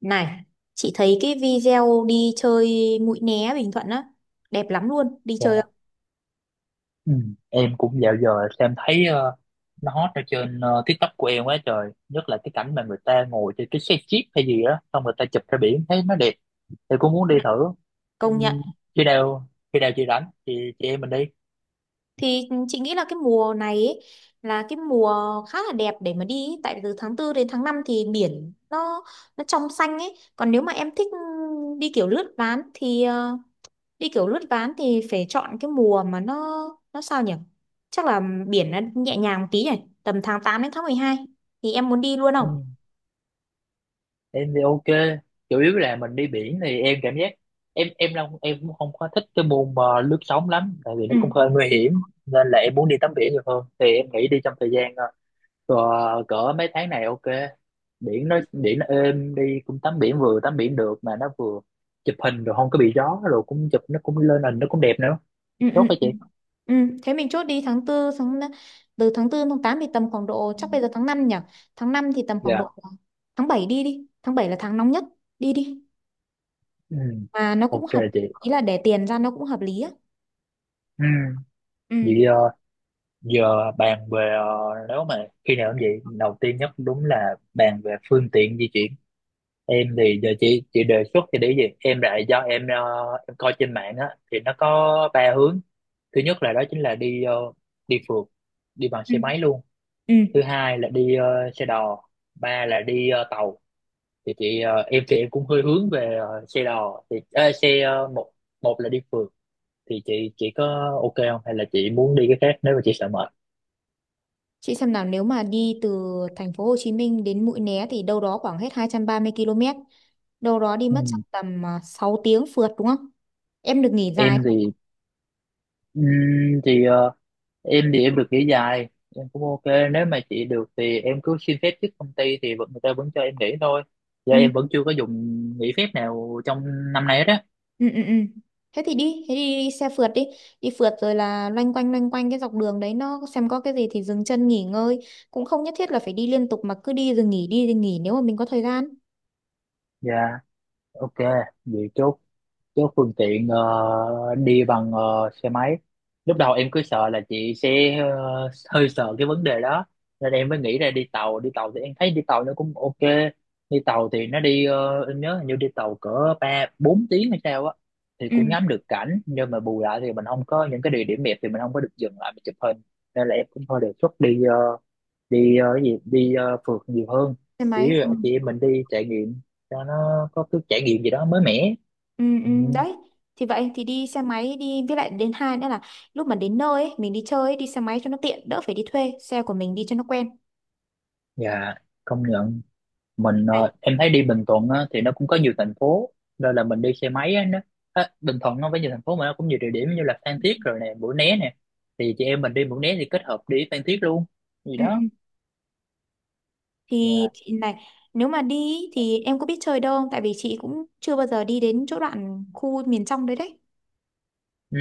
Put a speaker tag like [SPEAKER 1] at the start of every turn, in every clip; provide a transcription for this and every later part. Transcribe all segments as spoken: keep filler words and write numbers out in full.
[SPEAKER 1] Này, chị thấy cái video đi chơi Mũi Né Bình Thuận á, đẹp lắm luôn, đi chơi không?
[SPEAKER 2] Dạ. Ừ. Em cũng dạo giờ xem thấy ờ, nó hot ở trên ờ, TikTok của em quá trời, nhất là cái cảnh mà người ta ngồi trên cái xe jeep hay gì đó, xong người ta chụp ra biển thấy nó đẹp thì cũng muốn đi
[SPEAKER 1] Dạ,
[SPEAKER 2] thử. Ừ,
[SPEAKER 1] công nhận.
[SPEAKER 2] khi nào khi nào chị rảnh thì chị em mình đi.
[SPEAKER 1] Thì chị nghĩ là cái mùa này ấy, là cái mùa khá là đẹp để mà đi ấy. Tại vì từ tháng tư đến tháng năm thì biển nó nó trong xanh ấy. Còn nếu mà em thích đi kiểu lướt ván thì ờ, đi kiểu lướt ván thì phải chọn cái mùa mà nó nó sao nhỉ? Chắc là biển nó nhẹ nhàng một tí nhỉ, tầm tháng tám đến tháng mười hai thì em muốn đi luôn
[SPEAKER 2] Ừ,
[SPEAKER 1] không?
[SPEAKER 2] em thì ok, chủ yếu là mình đi biển thì em cảm giác em em không em cũng không có thích cái môn mà lướt sóng lắm, tại vì nó
[SPEAKER 1] Ừ,
[SPEAKER 2] cũng hơi nguy hiểm, nên là em muốn đi tắm biển nhiều hơn, thì em nghĩ đi trong thời gian ờ, cỡ mấy tháng này ok, biển nó biển nó êm, đi cũng tắm biển, vừa tắm biển được mà nó vừa chụp hình rồi không có bị gió, rồi cũng chụp nó cũng lên hình nó cũng đẹp nữa.
[SPEAKER 1] ừ,
[SPEAKER 2] Tốt
[SPEAKER 1] ừ.
[SPEAKER 2] hả
[SPEAKER 1] Ừ.
[SPEAKER 2] chị.
[SPEAKER 1] Ừ, thế mình chốt đi tháng tư tháng từ tháng tư tháng tám thì tầm khoảng độ, chắc bây giờ tháng năm nhỉ. Tháng năm thì tầm khoảng
[SPEAKER 2] Dạ.
[SPEAKER 1] độ tháng bảy đi đi. Tháng bảy là tháng nóng nhất. Đi đi.
[SPEAKER 2] Ừ.
[SPEAKER 1] Mà nó cũng
[SPEAKER 2] Ok
[SPEAKER 1] hợp,
[SPEAKER 2] chị.
[SPEAKER 1] ý là để tiền ra nó cũng hợp lý á.
[SPEAKER 2] Ừ.
[SPEAKER 1] Ừ.
[SPEAKER 2] Vậy ờ, giờ bàn về ờ, nếu mà khi nào cũng vậy, đầu tiên nhất đúng là bàn về phương tiện di chuyển. Em thì giờ chị chị đề xuất thì để gì em lại, do em ờ, em coi trên mạng á thì nó có ba hướng. Thứ nhất là đó chính là đi ờ, đi phượt, đi bằng
[SPEAKER 1] Ừ.
[SPEAKER 2] xe máy luôn.
[SPEAKER 1] Ừ.
[SPEAKER 2] Thứ hai là đi ờ, xe đò. Ba là đi ờ, tàu. Thì chị ờ, em thì em cũng hơi hướng về ờ, xe đò, thì ờ, xe ờ, một, một là đi phượt. Thì chị chị có ok không, hay là chị muốn đi cái khác nếu mà chị sợ mệt.
[SPEAKER 1] Chị xem nào, nếu mà đi từ thành phố Hồ Chí Minh đến Mũi Né thì đâu đó khoảng hết hai trăm ba mươi ki lô mét. Đâu đó đi mất chắc
[SPEAKER 2] Ừ.
[SPEAKER 1] tầm à, sáu tiếng phượt đúng không? Em được nghỉ dài
[SPEAKER 2] Em
[SPEAKER 1] không?
[SPEAKER 2] thì ừm, thì ờ, em thì em được nghỉ dài, em cũng ok. Nếu mà chị được thì em cứ xin phép trước công ty, thì vẫn người ta vẫn cho em nghỉ thôi. Giờ
[SPEAKER 1] Ừ.
[SPEAKER 2] em vẫn chưa có dùng nghỉ phép nào trong năm nay hết á.
[SPEAKER 1] Ừ, ừ, ừ, thế thì đi thế đi, đi xe phượt đi, đi phượt rồi là loanh quanh loanh quanh cái dọc đường đấy nó xem có cái gì thì dừng chân nghỉ ngơi, cũng không nhất thiết là phải đi liên tục mà cứ đi rồi nghỉ, đi rồi nghỉ nếu mà mình có thời gian.
[SPEAKER 2] Dạ. Ok, vậy chốt. Chứ phương tiện ờ, đi bằng ờ, xe máy, lúc đầu em cứ sợ là chị sẽ ờ, hơi sợ cái vấn đề đó, nên em mới nghĩ ra đi tàu. Đi tàu thì em thấy đi tàu nó cũng ok. Đi tàu thì nó đi ờ, em nhớ hình như đi tàu cỡ ba bốn tiếng hay sao á, thì
[SPEAKER 1] Ừ,
[SPEAKER 2] cũng ngắm được cảnh, nhưng mà bù lại thì mình không có những cái địa điểm đẹp thì mình không có được dừng lại mình chụp hình. Nên là em cũng thôi đề xuất đi ờ, đi ờ, cái gì đi ờ, phượt nhiều hơn.
[SPEAKER 1] xe
[SPEAKER 2] Chỉ
[SPEAKER 1] máy, ừ.
[SPEAKER 2] chị em mình đi trải nghiệm cho nó có cái trải nghiệm gì đó mới mẻ.
[SPEAKER 1] Ừ, ừ,
[SPEAKER 2] Ừ.
[SPEAKER 1] đấy, thì vậy thì đi xe máy đi, với lại đến hai nữa là lúc mà đến nơi ấy, mình đi chơi ấy, đi xe máy cho nó tiện, đỡ phải đi thuê xe, của mình đi cho nó quen
[SPEAKER 2] Dạ, công nhận. Mình
[SPEAKER 1] này.
[SPEAKER 2] ờ, em thấy đi Bình Thuận á, thì nó cũng có nhiều thành phố, nên là mình đi xe máy á, nó á, Bình Thuận nó với nhiều thành phố, mà nó cũng nhiều địa điểm như là Phan Thiết rồi nè, Mũi Né nè. Thì chị em mình đi Mũi Né thì kết hợp đi Phan Thiết luôn gì
[SPEAKER 1] Ừ,
[SPEAKER 2] đó.
[SPEAKER 1] ừ. Thì
[SPEAKER 2] Dạ.
[SPEAKER 1] chị này, nếu mà đi ý, thì em có biết chơi đâu không, tại vì chị cũng chưa bao giờ đi đến chỗ đoạn khu miền trong đấy đấy.
[SPEAKER 2] Ừ,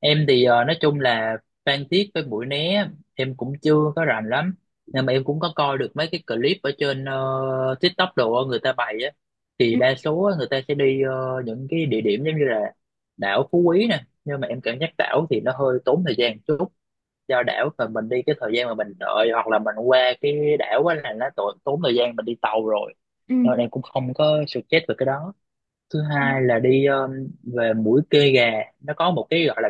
[SPEAKER 2] em thì ờ, nói chung là Phan Thiết với Mũi Né em cũng chưa có rành lắm, nhưng mà em cũng có coi được mấy cái clip ở trên ờ, TikTok đồ á, người ta bày á, thì đa số á, người ta sẽ đi ờ, những cái địa điểm giống như là đảo Phú Quý nè. Nhưng mà em cảm giác đảo thì nó hơi tốn thời gian chút, do đảo mà mình đi, cái thời gian mà mình đợi hoặc là mình qua cái đảo á là nó tốn tốn thời gian, mình đi tàu rồi.
[SPEAKER 1] Ừ,
[SPEAKER 2] Nên em cũng không có suggest về cái đó. Thứ
[SPEAKER 1] ừ,
[SPEAKER 2] hai là đi ờ, về mũi Kê Gà, nó có một cái gọi là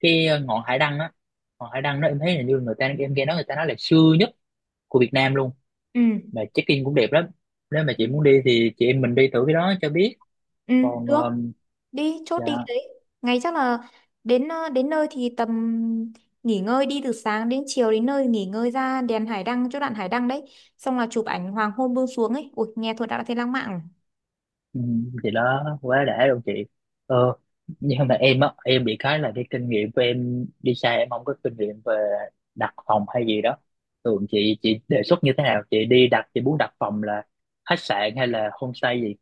[SPEAKER 2] cái ờ, ngọn hải đăng á. Ngọn hải đăng đó em thấy là, như người ta em nghe nói người ta nói là xưa nhất của Việt Nam luôn,
[SPEAKER 1] ừ,
[SPEAKER 2] mà check-in cũng đẹp lắm. Nếu mà chị muốn đi thì chị em mình đi thử cái đó cho biết.
[SPEAKER 1] ừ,
[SPEAKER 2] Còn
[SPEAKER 1] được,
[SPEAKER 2] ờm,
[SPEAKER 1] đi chốt
[SPEAKER 2] dạ.
[SPEAKER 1] đi cái đấy. Ngày chắc là đến ờ, đến nơi thì tầm nghỉ ngơi, đi từ sáng đến chiều đến nơi nghỉ ngơi, ra đèn hải đăng chỗ đoạn hải đăng đấy, xong là chụp ảnh hoàng hôn buông xuống ấy, ui nghe thôi đã thấy lãng mạn rồi.
[SPEAKER 2] Ừ, thì đó quá đã luôn chị. ờ nhưng mà em á, em bị cái là cái kinh nghiệm của em đi xa, em không có kinh nghiệm về đặt phòng hay gì đó. Thường chị chị đề xuất như thế nào, chị đi đặt, chị muốn đặt phòng là khách sạn hay là homestay gì.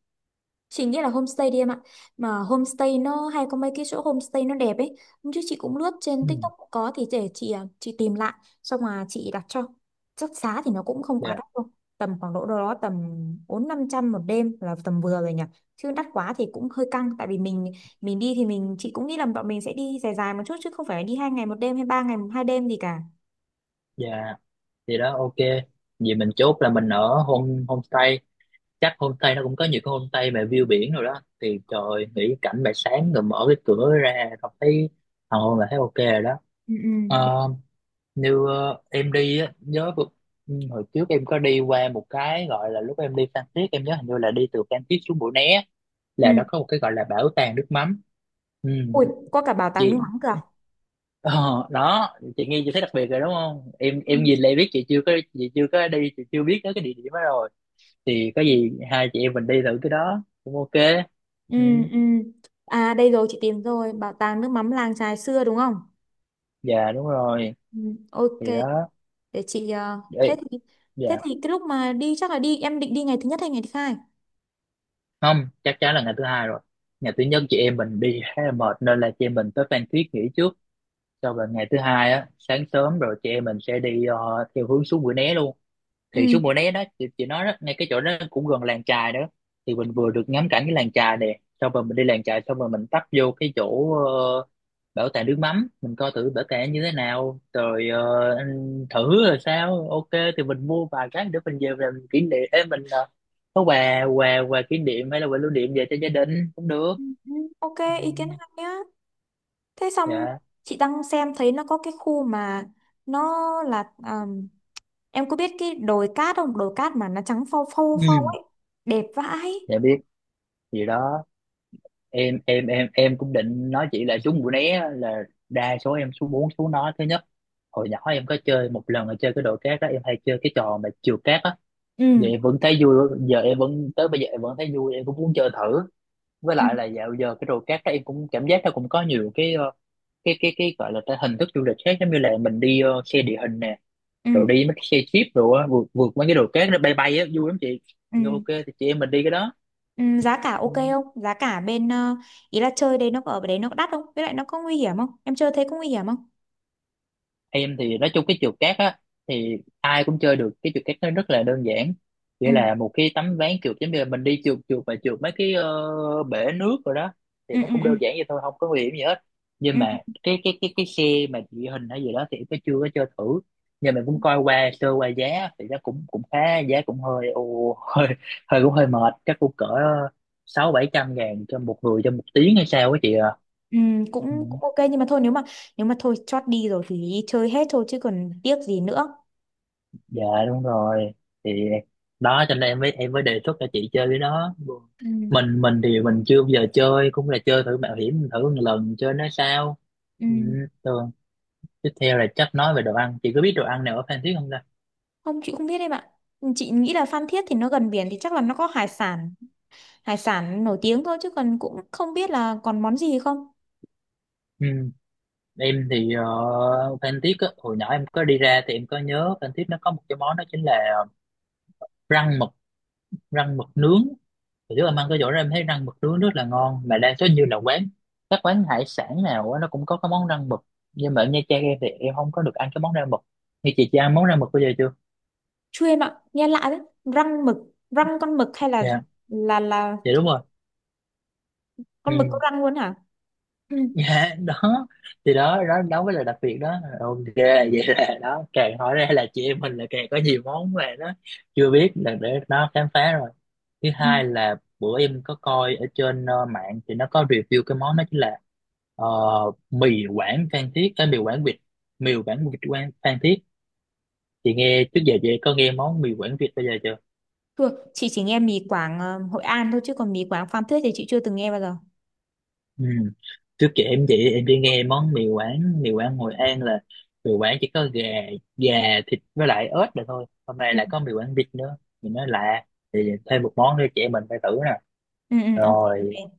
[SPEAKER 1] Chị nghĩ là homestay đi em ạ. Mà homestay nó hay có mấy cái chỗ homestay nó đẹp ấy. Hôm trước chị cũng lướt trên
[SPEAKER 2] Ừ.
[SPEAKER 1] TikTok cũng có, thì để chị à, chị tìm lại xong mà chị đặt cho. Chắc giá thì nó cũng không quá
[SPEAKER 2] Dạ.
[SPEAKER 1] đắt đâu. Tầm khoảng độ đâu đó tầm bốn năm trăm một đêm là tầm vừa rồi nhỉ. Chứ đắt quá thì cũng hơi căng, tại vì mình mình đi thì mình chị cũng nghĩ là bọn mình sẽ đi dài dài một chút chứ không phải đi hai ngày một đêm hay ba ngày hai đêm gì cả.
[SPEAKER 2] Dạ, thì đó ok, vì mình chốt là mình ở home homestay. Chắc homestay nó cũng có nhiều cái homestay mà view biển rồi đó, thì trời ơi, nghĩ cảnh bài sáng rồi mở cái cửa ra không thấy hoàng hôn là thấy ok rồi đó.
[SPEAKER 1] Ừ, ừ.
[SPEAKER 2] Ờ, như ờ, em đi á, nhớ vừa- ừ, hồi trước em có đi qua một cái gọi là, lúc em đi Phan Thiết em nhớ hình như là đi từ Phan Thiết xuống Mũi Né là
[SPEAKER 1] Ừ.
[SPEAKER 2] nó có một cái gọi là bảo tàng nước mắm. Ừ,
[SPEAKER 1] Ui, có cả bảo tàng nước
[SPEAKER 2] chị.
[SPEAKER 1] mắm cơ à?
[SPEAKER 2] ờ, đó, chị nghe chị thấy đặc biệt rồi đúng không, em
[SPEAKER 1] Ừ.
[SPEAKER 2] em nhìn lại biết chị chưa có, chị chưa có đi, chị chưa biết tới cái địa điểm đó rồi. Thì có gì hai chị em mình đi thử cái đó cũng ok.
[SPEAKER 1] Ừ,
[SPEAKER 2] Ừ.
[SPEAKER 1] ừ. À đây rồi, chị tìm rồi, bảo tàng nước mắm làng chài xưa đúng không?
[SPEAKER 2] Dạ đúng rồi.
[SPEAKER 1] Ừ, ok,
[SPEAKER 2] Thì đó.
[SPEAKER 1] để chị ờ,
[SPEAKER 2] Ê,
[SPEAKER 1] thế thì thế
[SPEAKER 2] dạ,
[SPEAKER 1] thì cái lúc mà đi chắc là đi, em định đi ngày thứ nhất hay ngày thứ hai?
[SPEAKER 2] không, chắc chắn là ngày thứ hai rồi. Ngày thứ nhất chị em mình đi khá là mệt, nên là chị em mình tới Phan Thiết nghỉ trước, sau rồi ngày thứ hai á sáng sớm rồi chị em mình sẽ đi ờ, theo hướng xuống Mũi Né luôn. Thì
[SPEAKER 1] Ừ.
[SPEAKER 2] xuống mùa né đó chị, chị nói đó, ngay cái chỗ đó cũng gần làng chài đó. Thì mình vừa được ngắm cảnh cái làng chài đẹp, xong rồi mình đi làng chài, xong rồi mình tấp vô cái chỗ ờ, bảo tàng nước mắm, mình coi thử bảo tàng như thế nào, rồi ờ, anh thử rồi sao ok. Thì mình mua vài cái để mình về làm kỷ niệm. Ê, mình ờ, có quà quà quà kỷ niệm hay là quà lưu niệm về cho gia đình cũng được.
[SPEAKER 1] Ừ, ừ, ok,
[SPEAKER 2] Ừ.
[SPEAKER 1] ý kiến hay nhá. Thế xong
[SPEAKER 2] Dạ.
[SPEAKER 1] chị đang xem thấy nó có cái khu mà nó là ờm, em có biết cái đồi cát không? Đồi cát mà nó trắng phau phau phau
[SPEAKER 2] Ừ.
[SPEAKER 1] ấy, đẹp vãi.
[SPEAKER 2] Dạ biết gì đó. Em em em em cũng định nói chị là trúng mũi né á, là đa số em số bốn số nó thứ nhất. Hồi nhỏ em có chơi một lần là chơi cái đồ cát đó, em hay chơi cái trò mà trượt cát á. Giờ
[SPEAKER 1] Ừ.
[SPEAKER 2] em vẫn thấy vui, giờ em vẫn tới bây giờ em vẫn thấy vui, em cũng muốn chơi thử. Với
[SPEAKER 1] Ừ.
[SPEAKER 2] lại là dạo giờ cái đồ cát đó em cũng cảm giác nó cũng có nhiều cái ờ, cái cái cái gọi là cái hình thức du lịch khác, giống như là mình đi ờ, xe địa hình nè,
[SPEAKER 1] Ừ.
[SPEAKER 2] rồi đi mấy cái xe jeep rồi á, vượt vượt mấy cái đồ cát, nó bay bay á, vui lắm chị.
[SPEAKER 1] Ừ.
[SPEAKER 2] Ok thì chị em mình đi cái đó.
[SPEAKER 1] Ừ, giá cả
[SPEAKER 2] Ừ.
[SPEAKER 1] ok không? Giá cả bên ờ, ý là chơi đấy nó có- ở đấy nó có đắt không? Với lại nó có nguy hiểm không? Em chơi thế có nguy hiểm không?
[SPEAKER 2] Em thì nói chung cái trượt cát á, thì ai cũng chơi được. Cái trượt cát nó rất là đơn giản, chỉ
[SPEAKER 1] Ừ,
[SPEAKER 2] là một cái tấm ván trượt, giống như là mình đi trượt trượt và trượt mấy cái ờ, bể nước rồi đó. Thì
[SPEAKER 1] ừ,
[SPEAKER 2] nó
[SPEAKER 1] ừ,
[SPEAKER 2] cũng
[SPEAKER 1] ừ.
[SPEAKER 2] đơn giản vậy thôi, không có nguy hiểm gì hết.
[SPEAKER 1] Ừ,
[SPEAKER 2] Nhưng mà cái cái cái cái xe mà địa hình hay gì đó thì em có chưa có chơi thử, nhưng mà cũng coi qua sơ qua giá thì nó cũng cũng khá, giá cũng hơi ồ, hơi hơi cũng hơi mệt, chắc cũng cỡ sáu bảy trăm ngàn cho một người cho một tiếng hay sao á chị à.
[SPEAKER 1] ừ, cũng, cũng ok, nhưng mà thôi nếu mà nếu mà thôi chót đi rồi thì đi chơi hết thôi chứ còn tiếc gì nữa.
[SPEAKER 2] Dạ đúng rồi, thì đó cho nên em mới em mới đề xuất cho chị chơi cái đó.
[SPEAKER 1] Ừ,
[SPEAKER 2] Mình mình thì mình chưa bao giờ chơi, cũng là chơi thử mạo hiểm thử một lần chơi nó sao.
[SPEAKER 1] ừ.
[SPEAKER 2] Ừ, thường tiếp theo là chắc nói về đồ ăn, chị có biết đồ ăn nào ở Phan Thiết không ta.
[SPEAKER 1] Không, chị không biết em ạ. Chị nghĩ là Phan Thiết thì nó gần biển thì chắc là nó có hải sản, hải sản nổi tiếng thôi chứ còn cũng không biết là còn món gì không.
[SPEAKER 2] Ừ, em thì ờ, Phan Thiết á, hồi nhỏ em có đi ra thì em có nhớ Phan Thiết nó có một cái món đó chính là răng mực, rang mực nướng. Hồi trước em ăn cái chỗ đó em thấy rang mực nướng rất là ngon, mà đa số như là quán các quán hải sản nào á, nó cũng có cái món rang mực. Nhưng mà ở Nha Trang em thì em không có được ăn cái món rang mực. Như chị chị ăn món rang mực bây giờ chưa.
[SPEAKER 1] Chưa em ạ, nghe lạ đấy. Răng mực, răng con mực hay là
[SPEAKER 2] Dạ.
[SPEAKER 1] là là
[SPEAKER 2] Dạ đúng rồi. Ừ.
[SPEAKER 1] con mực có răng luôn hả?
[SPEAKER 2] Dạ đó. Thì đó đó đó mới là đặc biệt đó, ok. Vậy là đó càng hỏi ra là chị em mình là càng có nhiều món mà nó chưa biết, là để nó khám phá rồi. Thứ
[SPEAKER 1] Ừ.
[SPEAKER 2] hai là bữa em có coi ở trên ờ, mạng thì nó có review cái món đó chính là ờ, mì Quảng Phan Thiết, cái mì Quảng việt, mì Quảng việt Quảng Phan Thiết. Chị nghe trước giờ chị có nghe món mì Quảng việt bây giờ chưa.
[SPEAKER 1] Thưa, chị chỉ nghe mì Quảng ờ, Hội An thôi chứ còn mì Quảng Phan Thiết thì chị chưa từng nghe bao giờ.
[SPEAKER 2] Ừ. Trước kia em chị em chỉ nghe món mì Quảng mì Quảng Hội An là mì Quảng chỉ có gà gà thịt với lại ớt là thôi, hôm nay
[SPEAKER 1] Ừ.
[SPEAKER 2] lại có mì Quảng vịt nữa mình nói lạ. Thì thêm một món nữa chị em mình phải thử nè.
[SPEAKER 1] Ừ, ừ, ok,
[SPEAKER 2] Rồi.
[SPEAKER 1] ok.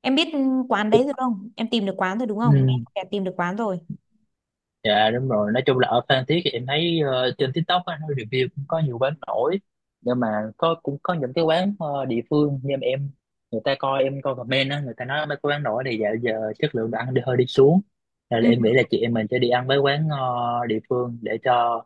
[SPEAKER 1] Em biết ừ, quán đấy rồi không? Em tìm được quán rồi đúng không? Nghe
[SPEAKER 2] Ừ.
[SPEAKER 1] có vẻ tìm được quán rồi.
[SPEAKER 2] Dạ đúng rồi, nói chung là ở Phan Thiết thì em thấy ờ, trên TikTok á, nó review cũng có nhiều quán nổi, nhưng mà có cũng có những cái quán ờ, địa phương, nhưng mà em, người ta coi em coi comment á, người ta nói mấy cái quán nổi này dạo giờ chất lượng đồ ăn đi hơi đi xuống, nên
[SPEAKER 1] Ừ,
[SPEAKER 2] là em nghĩ là chị em mình sẽ đi ăn mấy quán ờ, địa phương để cho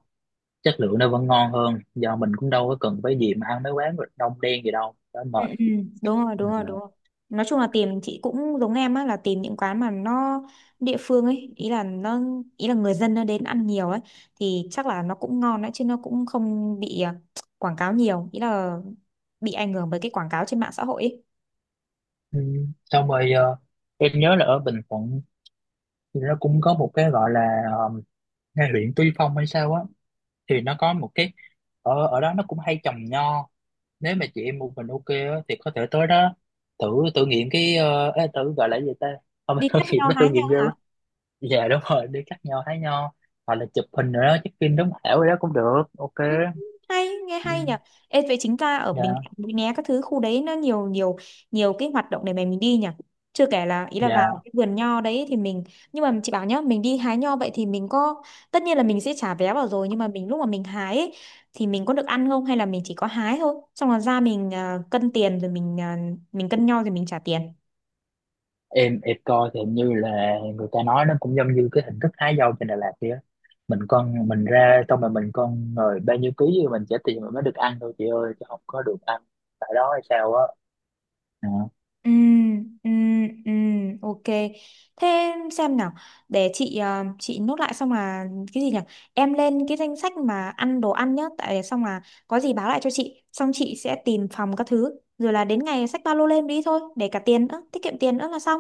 [SPEAKER 2] chất lượng nó vẫn ngon hơn, do mình cũng đâu có cần phải gì mà ăn mấy quán đông đen gì đâu, đó
[SPEAKER 1] ừ,
[SPEAKER 2] mệt.
[SPEAKER 1] ừ. Đúng rồi, đúng rồi,
[SPEAKER 2] Ờ.
[SPEAKER 1] đúng rồi. Nói chung là tìm chị cũng giống em á, là tìm những quán mà nó địa phương ấy, ý là nó ý là người dân nó đến ăn nhiều ấy thì chắc là nó cũng ngon đấy chứ nó cũng không bị ờ, quảng cáo nhiều, ý là bị ảnh hưởng bởi cái quảng cáo trên mạng xã hội ấy.
[SPEAKER 2] Ừ. Xong rồi ờ, em nhớ là ở Bình Thuận thì nó cũng có một cái gọi là ờ, ngay huyện Tuy Phong hay sao á, thì nó có một cái, ở ở đó nó cũng hay trồng nho. Nếu mà chị em một mình ok á, thì có thể tới đó thử, thử nghiệm cái ờ, ê, thử gọi là gì ta, không phải
[SPEAKER 1] Đi
[SPEAKER 2] thử
[SPEAKER 1] cắt
[SPEAKER 2] nghiệm,
[SPEAKER 1] nhau
[SPEAKER 2] nó thử
[SPEAKER 1] hái nhau.
[SPEAKER 2] nghiệm ghê quá. Dạ đúng rồi, đi cắt nho hái nho, hoặc là chụp hình nữa đó, check in đúng hảo đó cũng được ok.
[SPEAKER 1] Ừ, hay nghe
[SPEAKER 2] Ừ.
[SPEAKER 1] hay nhỉ. Ê, vậy chính ra ở Bình
[SPEAKER 2] Dạ.
[SPEAKER 1] Thạnh Mũi Né các thứ khu đấy nó nhiều nhiều nhiều cái hoạt động để mà mình đi nhỉ, chưa kể là ý là
[SPEAKER 2] Dạ
[SPEAKER 1] vào cái vườn nho đấy thì mình, nhưng mà chị bảo nhá, mình đi hái nho vậy thì mình có, tất nhiên là mình sẽ trả vé vào rồi, nhưng mà mình lúc mà mình hái ấy, thì mình có được ăn không hay là mình chỉ có hái thôi, xong rồi ra mình à, cân tiền rồi mình à, mình cân nho rồi mình trả tiền.
[SPEAKER 2] em em coi thì hình như là người ta nói nó cũng giống như cái hình thức hái dâu trên Đà Lạt kia, mình con mình ra xong rồi mình con rồi bao nhiêu ký gì mình trả tiền mình mới được ăn thôi chị ơi, chứ không có được ăn tại đó hay sao á. Dạ.
[SPEAKER 1] Ừ, ừ, ừ, ok. Thế xem nào, để chị ờ, chị nốt lại xong là cái gì nhỉ? Em lên cái danh sách mà ăn đồ ăn nhá, tại xong là có gì báo lại cho chị, xong chị sẽ tìm phòng các thứ, rồi là đến ngày xách ba lô lên đi thôi, để cả tiền nữa, tiết kiệm tiền nữa là xong.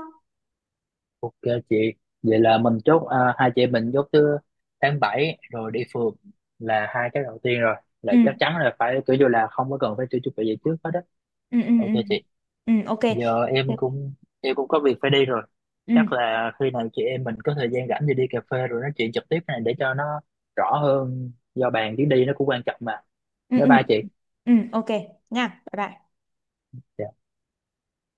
[SPEAKER 2] Ok chị, vậy là mình chốt à, hai chị em mình chốt thứ tháng bảy rồi đi phượt là hai cái đầu tiên rồi, là
[SPEAKER 1] Ừ,
[SPEAKER 2] chắc chắn là phải kiểu như là không có cần phải tự chuẩn bị gì trước hết á.
[SPEAKER 1] ừ, ừ,
[SPEAKER 2] Ok
[SPEAKER 1] ừ,
[SPEAKER 2] chị,
[SPEAKER 1] ừ, ok.
[SPEAKER 2] giờ
[SPEAKER 1] Ừ,
[SPEAKER 2] em cũng em cũng có việc phải đi rồi.
[SPEAKER 1] ừ,
[SPEAKER 2] Chắc là khi nào chị em mình có thời gian rảnh thì đi cà phê rồi nói chuyện trực tiếp này, để cho nó rõ hơn do bàn chuyến đi nó cũng quan trọng mà.
[SPEAKER 1] ừ,
[SPEAKER 2] Bye
[SPEAKER 1] ừ,
[SPEAKER 2] bye chị.
[SPEAKER 1] ừ, ok nha, bye bye.
[SPEAKER 2] Dạ.